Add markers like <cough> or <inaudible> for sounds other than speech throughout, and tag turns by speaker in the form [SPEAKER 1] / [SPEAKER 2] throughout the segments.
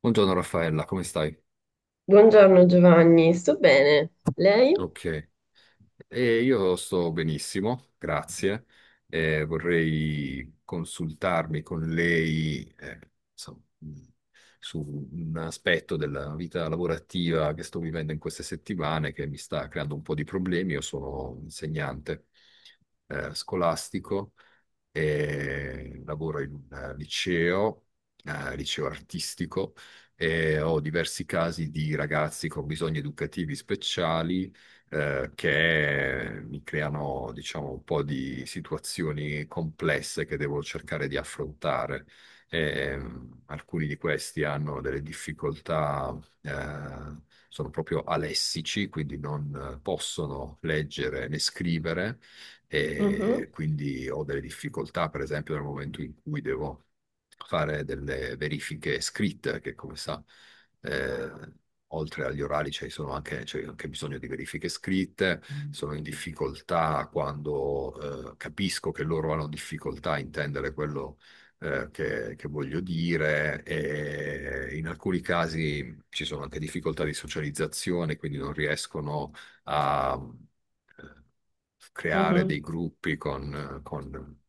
[SPEAKER 1] Buongiorno Raffaella, come stai?
[SPEAKER 2] Buongiorno Giovanni, sto bene. Lei?
[SPEAKER 1] Ok. Io sto benissimo, grazie. Vorrei consultarmi con lei, insomma, mh, su un aspetto della vita lavorativa che sto vivendo in queste settimane che mi sta creando un po' di problemi. Io sono un insegnante scolastico e lavoro in un liceo, liceo artistico, e ho diversi casi di ragazzi con bisogni educativi speciali che mi creano, diciamo, un po' di situazioni complesse che devo cercare di affrontare. Alcuni di questi hanno delle difficoltà, sono proprio alessici, quindi non possono leggere né scrivere
[SPEAKER 2] Mhm,
[SPEAKER 1] e quindi ho delle difficoltà, per esempio, nel momento in cui devo fare delle verifiche scritte, che come sa, eh, oltre agli orali c'è anche bisogno di verifiche scritte. Mm. Sono in difficoltà quando, capisco che loro hanno difficoltà a intendere quello che voglio dire, e in alcuni casi ci sono anche difficoltà di socializzazione, quindi non riescono a eh, creare dei
[SPEAKER 2] mhm.
[SPEAKER 1] gruppi con, con,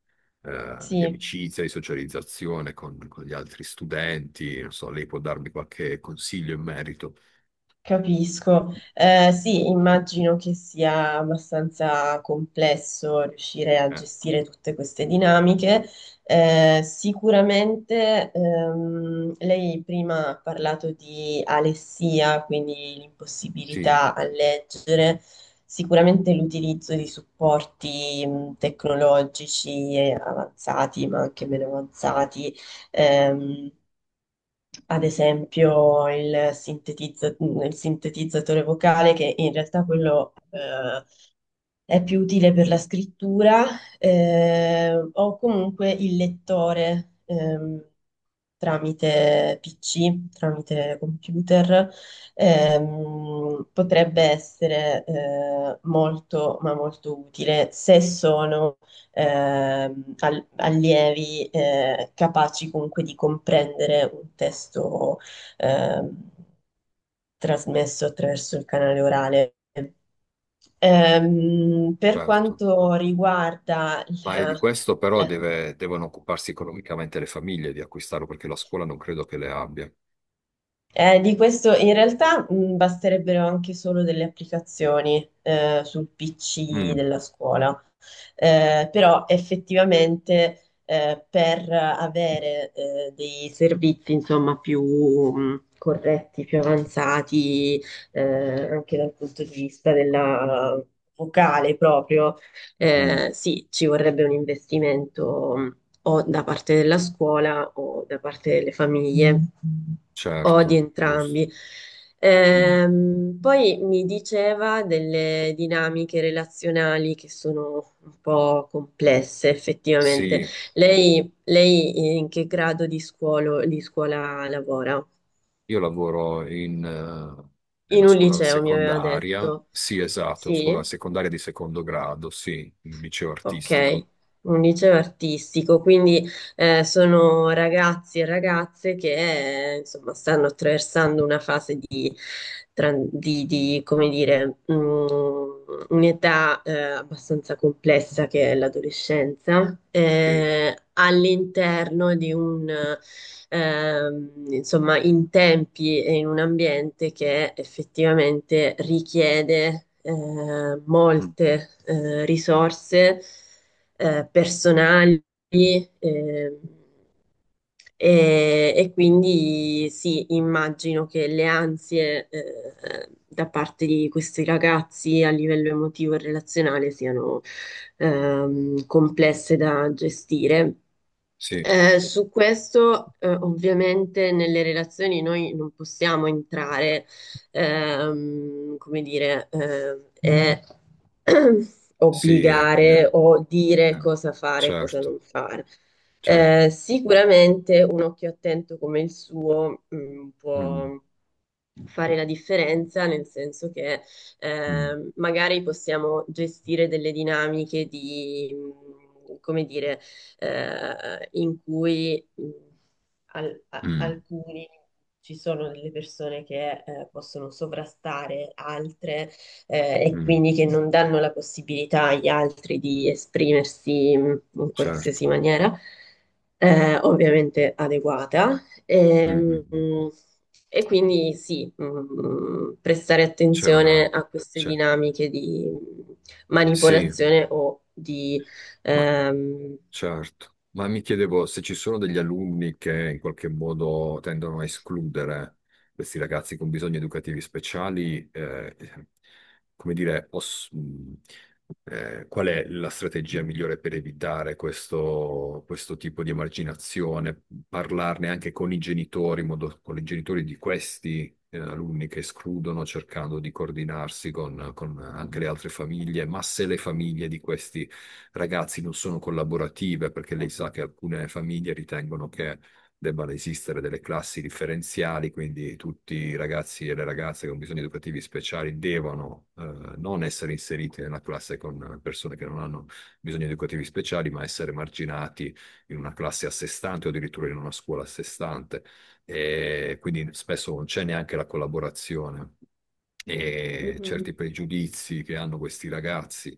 [SPEAKER 1] eh, di
[SPEAKER 2] Sì,
[SPEAKER 1] amicizia, di socializzazione con gli altri studenti. Non so, lei può darmi qualche consiglio in merito.
[SPEAKER 2] capisco. Sì, immagino che sia abbastanza complesso riuscire a
[SPEAKER 1] Eh,
[SPEAKER 2] gestire tutte queste dinamiche. Sicuramente lei prima ha parlato di alessia, quindi
[SPEAKER 1] sì,
[SPEAKER 2] l'impossibilità a leggere. Sicuramente l'utilizzo di supporti tecnologici avanzati, ma anche meno avanzati. ehm, Ad esempio il il sintetizzatore vocale, che in realtà quello è più utile per la scrittura, o comunque il lettore. Tramite PC, tramite computer, potrebbe essere molto, ma molto utile se sono allievi capaci comunque di comprendere un testo ehm, trasmesso attraverso il canale orale. Per
[SPEAKER 1] certo.
[SPEAKER 2] quanto riguarda
[SPEAKER 1] Ma di
[SPEAKER 2] la,
[SPEAKER 1] questo però
[SPEAKER 2] la-
[SPEAKER 1] devono occuparsi economicamente le famiglie di acquistarlo, perché la scuola non credo che le abbia.
[SPEAKER 2] eh, di questo in realtà basterebbero anche solo delle applicazioni sul PC
[SPEAKER 1] Mm,
[SPEAKER 2] della scuola. Però effettivamente per avere dei servizi insomma più corretti, più avanzati, eh, anche dal punto di vista della vocale proprio,
[SPEAKER 1] mm,
[SPEAKER 2] sì, ci vorrebbe un investimento o da parte della scuola o da parte delle famiglie o di
[SPEAKER 1] certo, giusto.
[SPEAKER 2] entrambi.
[SPEAKER 1] Mm.
[SPEAKER 2] Poi mi diceva delle dinamiche relazionali che sono un po' complesse, effettivamente.
[SPEAKER 1] Sì,
[SPEAKER 2] Lei in che grado di scuola lavora?
[SPEAKER 1] io lavoro in, nella
[SPEAKER 2] In un
[SPEAKER 1] scuola
[SPEAKER 2] liceo, mi aveva
[SPEAKER 1] secondaria,
[SPEAKER 2] detto.
[SPEAKER 1] sì, esatto, scuola
[SPEAKER 2] Sì?
[SPEAKER 1] secondaria di secondo grado, sì, il liceo
[SPEAKER 2] Ok,
[SPEAKER 1] artistico,
[SPEAKER 2] un liceo artistico, quindi sono ragazzi e ragazze che insomma stanno attraversando una fase di, come dire, un'età abbastanza complessa che è l'adolescenza,
[SPEAKER 1] sì.
[SPEAKER 2] all'interno di un insomma, in tempi e in un ambiente che effettivamente richiede
[SPEAKER 1] Mm.
[SPEAKER 2] molte risorse personali, ehm, e quindi sì, immagino che le ansie da parte di questi ragazzi a livello emotivo e relazionale siano complesse da gestire.
[SPEAKER 1] Sì,
[SPEAKER 2] Su questo, ovviamente, nelle relazioni noi non possiamo entrare, come dire, <clears throat>
[SPEAKER 1] sì,
[SPEAKER 2] obbligare o dire
[SPEAKER 1] eh,
[SPEAKER 2] cosa fare e cosa
[SPEAKER 1] certo,
[SPEAKER 2] non fare.
[SPEAKER 1] certo.
[SPEAKER 2] Sicuramente un occhio attento come il suo, mm,
[SPEAKER 1] Mm,
[SPEAKER 2] può fare la differenza, nel senso che
[SPEAKER 1] mm,
[SPEAKER 2] magari possiamo gestire delle dinamiche di, come dire, in cui
[SPEAKER 1] mm,
[SPEAKER 2] alcuni ci sono delle persone che possono sovrastare altre e
[SPEAKER 1] mm,
[SPEAKER 2] quindi che non danno la possibilità agli altri di esprimersi in
[SPEAKER 1] certo.
[SPEAKER 2] qualsiasi maniera, ovviamente adeguata.
[SPEAKER 1] Mm,
[SPEAKER 2] Ehm,
[SPEAKER 1] mm, mm.
[SPEAKER 2] Quindi sì, prestare
[SPEAKER 1] C'è
[SPEAKER 2] attenzione
[SPEAKER 1] una,
[SPEAKER 2] a queste
[SPEAKER 1] c'è,
[SPEAKER 2] dinamiche di
[SPEAKER 1] sì,
[SPEAKER 2] manipolazione o di
[SPEAKER 1] ma...
[SPEAKER 2] ehm,
[SPEAKER 1] Certo, ma mi chiedevo se ci sono degli alunni che in qualche modo tendono a escludere questi ragazzi con bisogni educativi speciali, come dire, qual è la strategia migliore per evitare questo, questo tipo di emarginazione? Parlarne anche con i genitori, in modo, con i genitori di questi, alunni che escludono, cercando di coordinarsi con anche le altre famiglie. Ma se le famiglie di questi ragazzi non sono collaborative, perché lei sa che alcune famiglie ritengono che debbano esistere delle classi differenziali, quindi tutti i ragazzi e le ragazze con bisogni educativi speciali devono non essere inseriti nella classe con persone che non hanno bisogni educativi speciali, ma essere marginati in una classe a sé stante o addirittura in una scuola a sé stante. E quindi spesso non c'è neanche la collaborazione, e certi
[SPEAKER 2] mhm,
[SPEAKER 1] pregiudizi che hanno questi ragazzi,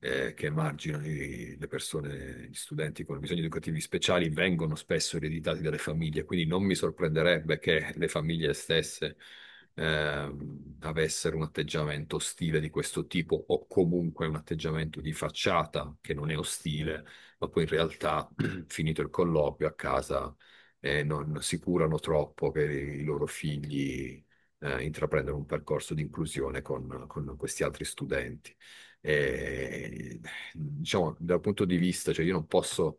[SPEAKER 1] che emarginano le persone, gli studenti con bisogni educativi speciali, vengono spesso ereditati dalle famiglie, quindi non mi sorprenderebbe che le famiglie stesse avessero un atteggiamento ostile di questo tipo, o comunque un atteggiamento di facciata che non è ostile, ma poi in realtà, <clears throat> finito il colloquio a casa, non si curano troppo che i loro figli intraprendere un percorso di inclusione con questi altri studenti. E, diciamo, dal punto di vista, cioè io non posso,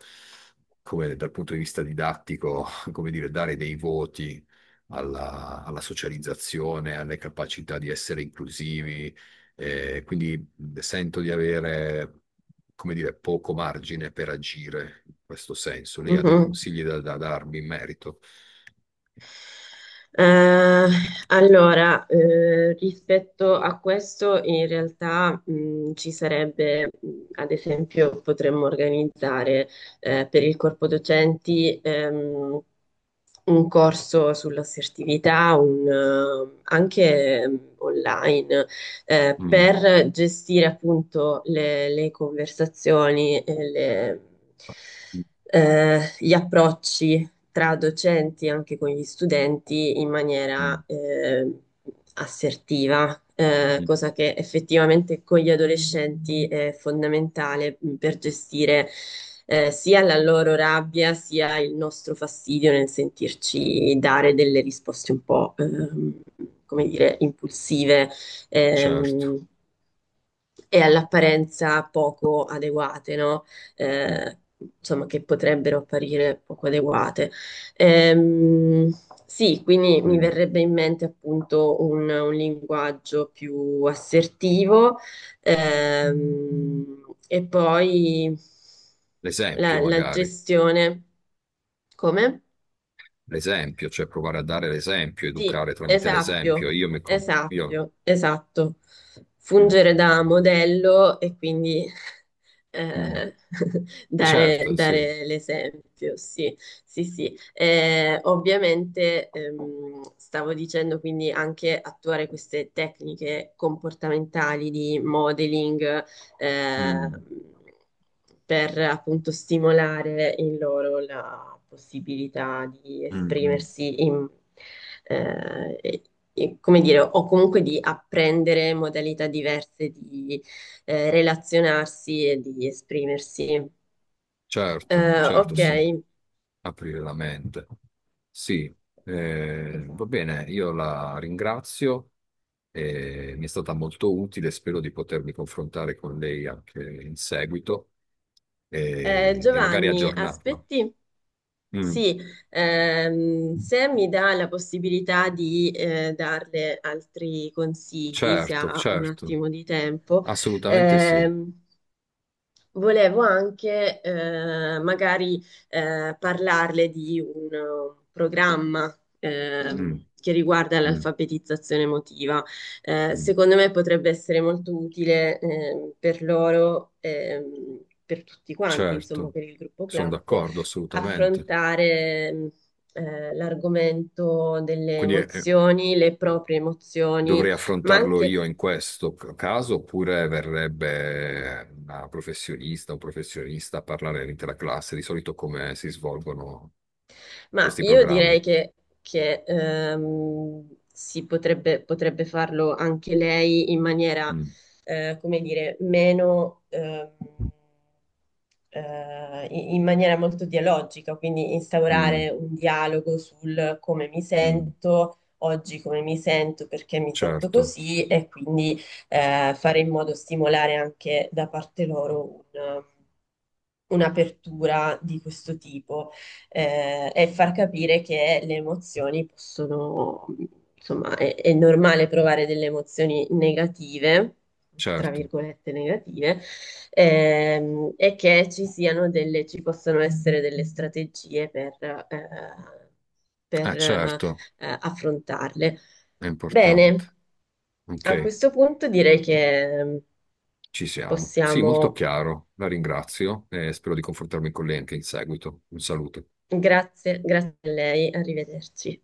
[SPEAKER 1] come dal punto di vista didattico, <laughs> come dire, dare dei voti alla, alla socializzazione, alle capacità di essere inclusivi, quindi sento di avere... come dire, poco margine per agire in questo senso. Lei ha dei
[SPEAKER 2] mhm.
[SPEAKER 1] consigli da, da darmi in merito?
[SPEAKER 2] Eh, allora, rispetto a questo, in realtà, ci sarebbe, ad esempio, potremmo organizzare, per il corpo docenti, un corso sull'assertività, un, anche online,
[SPEAKER 1] Mm,
[SPEAKER 2] per gestire appunto le conversazioni,
[SPEAKER 1] mm,
[SPEAKER 2] gli approcci tra docenti e anche con gli studenti in
[SPEAKER 1] mm,
[SPEAKER 2] maniera assertiva,
[SPEAKER 1] mm.
[SPEAKER 2] cosa che effettivamente con gli adolescenti è fondamentale per gestire sia la loro rabbia sia il nostro fastidio nel sentirci dare delle risposte un po', come dire, impulsive.
[SPEAKER 1] Certo.
[SPEAKER 2] ehm, e all'apparenza poco adeguate, no? Eh, insomma, che potrebbero apparire poco adeguate. Ehm, sì, quindi mi
[SPEAKER 1] Mm.
[SPEAKER 2] verrebbe in mente appunto un linguaggio più assertivo, e poi
[SPEAKER 1] L'esempio
[SPEAKER 2] la
[SPEAKER 1] magari,
[SPEAKER 2] gestione. Come?
[SPEAKER 1] l'esempio, cioè provare a dare l'esempio,
[SPEAKER 2] Sì,
[SPEAKER 1] educare tramite l'esempio.
[SPEAKER 2] esatto,
[SPEAKER 1] Io mi... Io...
[SPEAKER 2] esatto, esatto.
[SPEAKER 1] Mm,
[SPEAKER 2] Fungere da modello e quindi
[SPEAKER 1] mm.
[SPEAKER 2] eh, <laughs>
[SPEAKER 1] Certo, sì.
[SPEAKER 2] dare l'esempio, sì, sì, sì. Ovviamente stavo dicendo quindi anche attuare queste tecniche comportamentali di modeling, eh,
[SPEAKER 1] Mm,
[SPEAKER 2] per appunto stimolare in loro la possibilità di
[SPEAKER 1] mm, mm.
[SPEAKER 2] esprimersi in, eh, come dire, o comunque di apprendere modalità diverse di relazionarsi e di esprimersi.
[SPEAKER 1] Certo, certo,
[SPEAKER 2] Ok,
[SPEAKER 1] sì. Aprire la mente. Sì, va
[SPEAKER 2] esatto.
[SPEAKER 1] bene, io la ringrazio, mi è stata molto utile, spero di potermi confrontare con lei anche in seguito, e magari
[SPEAKER 2] Giovanni,
[SPEAKER 1] aggiornarla.
[SPEAKER 2] aspetti.
[SPEAKER 1] Mm.
[SPEAKER 2] Sì, se mi dà la possibilità di darle altri consigli, se
[SPEAKER 1] Certo,
[SPEAKER 2] ha un
[SPEAKER 1] certo,
[SPEAKER 2] attimo di tempo,
[SPEAKER 1] assolutamente sì.
[SPEAKER 2] ehm, volevo anche magari parlarle di un programma
[SPEAKER 1] Mm,
[SPEAKER 2] che riguarda
[SPEAKER 1] mm,
[SPEAKER 2] l'alfabetizzazione emotiva.
[SPEAKER 1] mm.
[SPEAKER 2] Secondo me potrebbe essere molto utile per loro, per tutti quanti, insomma,
[SPEAKER 1] Certo,
[SPEAKER 2] per il gruppo
[SPEAKER 1] sono
[SPEAKER 2] classe,
[SPEAKER 1] d'accordo assolutamente.
[SPEAKER 2] affrontare l'argomento delle
[SPEAKER 1] Quindi
[SPEAKER 2] emozioni, le proprie emozioni,
[SPEAKER 1] dovrei
[SPEAKER 2] ma
[SPEAKER 1] affrontarlo
[SPEAKER 2] anche
[SPEAKER 1] io in questo caso, oppure verrebbe una professionista o un professionista a parlare all'intera classe? Di solito come si svolgono
[SPEAKER 2] ma
[SPEAKER 1] questi
[SPEAKER 2] io direi
[SPEAKER 1] programmi?
[SPEAKER 2] che, potrebbe farlo anche lei in maniera,
[SPEAKER 1] Mm,
[SPEAKER 2] come dire, meno, in maniera molto dialogica, quindi
[SPEAKER 1] mm,
[SPEAKER 2] instaurare un dialogo sul come mi
[SPEAKER 1] mm.
[SPEAKER 2] sento. Oggi come mi sento, perché mi sento
[SPEAKER 1] Certo,
[SPEAKER 2] così, e quindi fare in modo stimolare anche da parte loro un'apertura di questo tipo e far capire che le emozioni possono, insomma, è normale provare delle emozioni negative, tra
[SPEAKER 1] certo.
[SPEAKER 2] virgolette negative, e che ci siano delle, ci possono essere delle strategie per,
[SPEAKER 1] Ah, certo,
[SPEAKER 2] affrontarle.
[SPEAKER 1] è importante.
[SPEAKER 2] Bene, a
[SPEAKER 1] Ok,
[SPEAKER 2] questo punto direi che
[SPEAKER 1] ci siamo. Sì, molto
[SPEAKER 2] possiamo,
[SPEAKER 1] chiaro, la ringrazio e spero di confrontarmi con lei anche in seguito. Un saluto.
[SPEAKER 2] grazie, grazie a lei, arrivederci.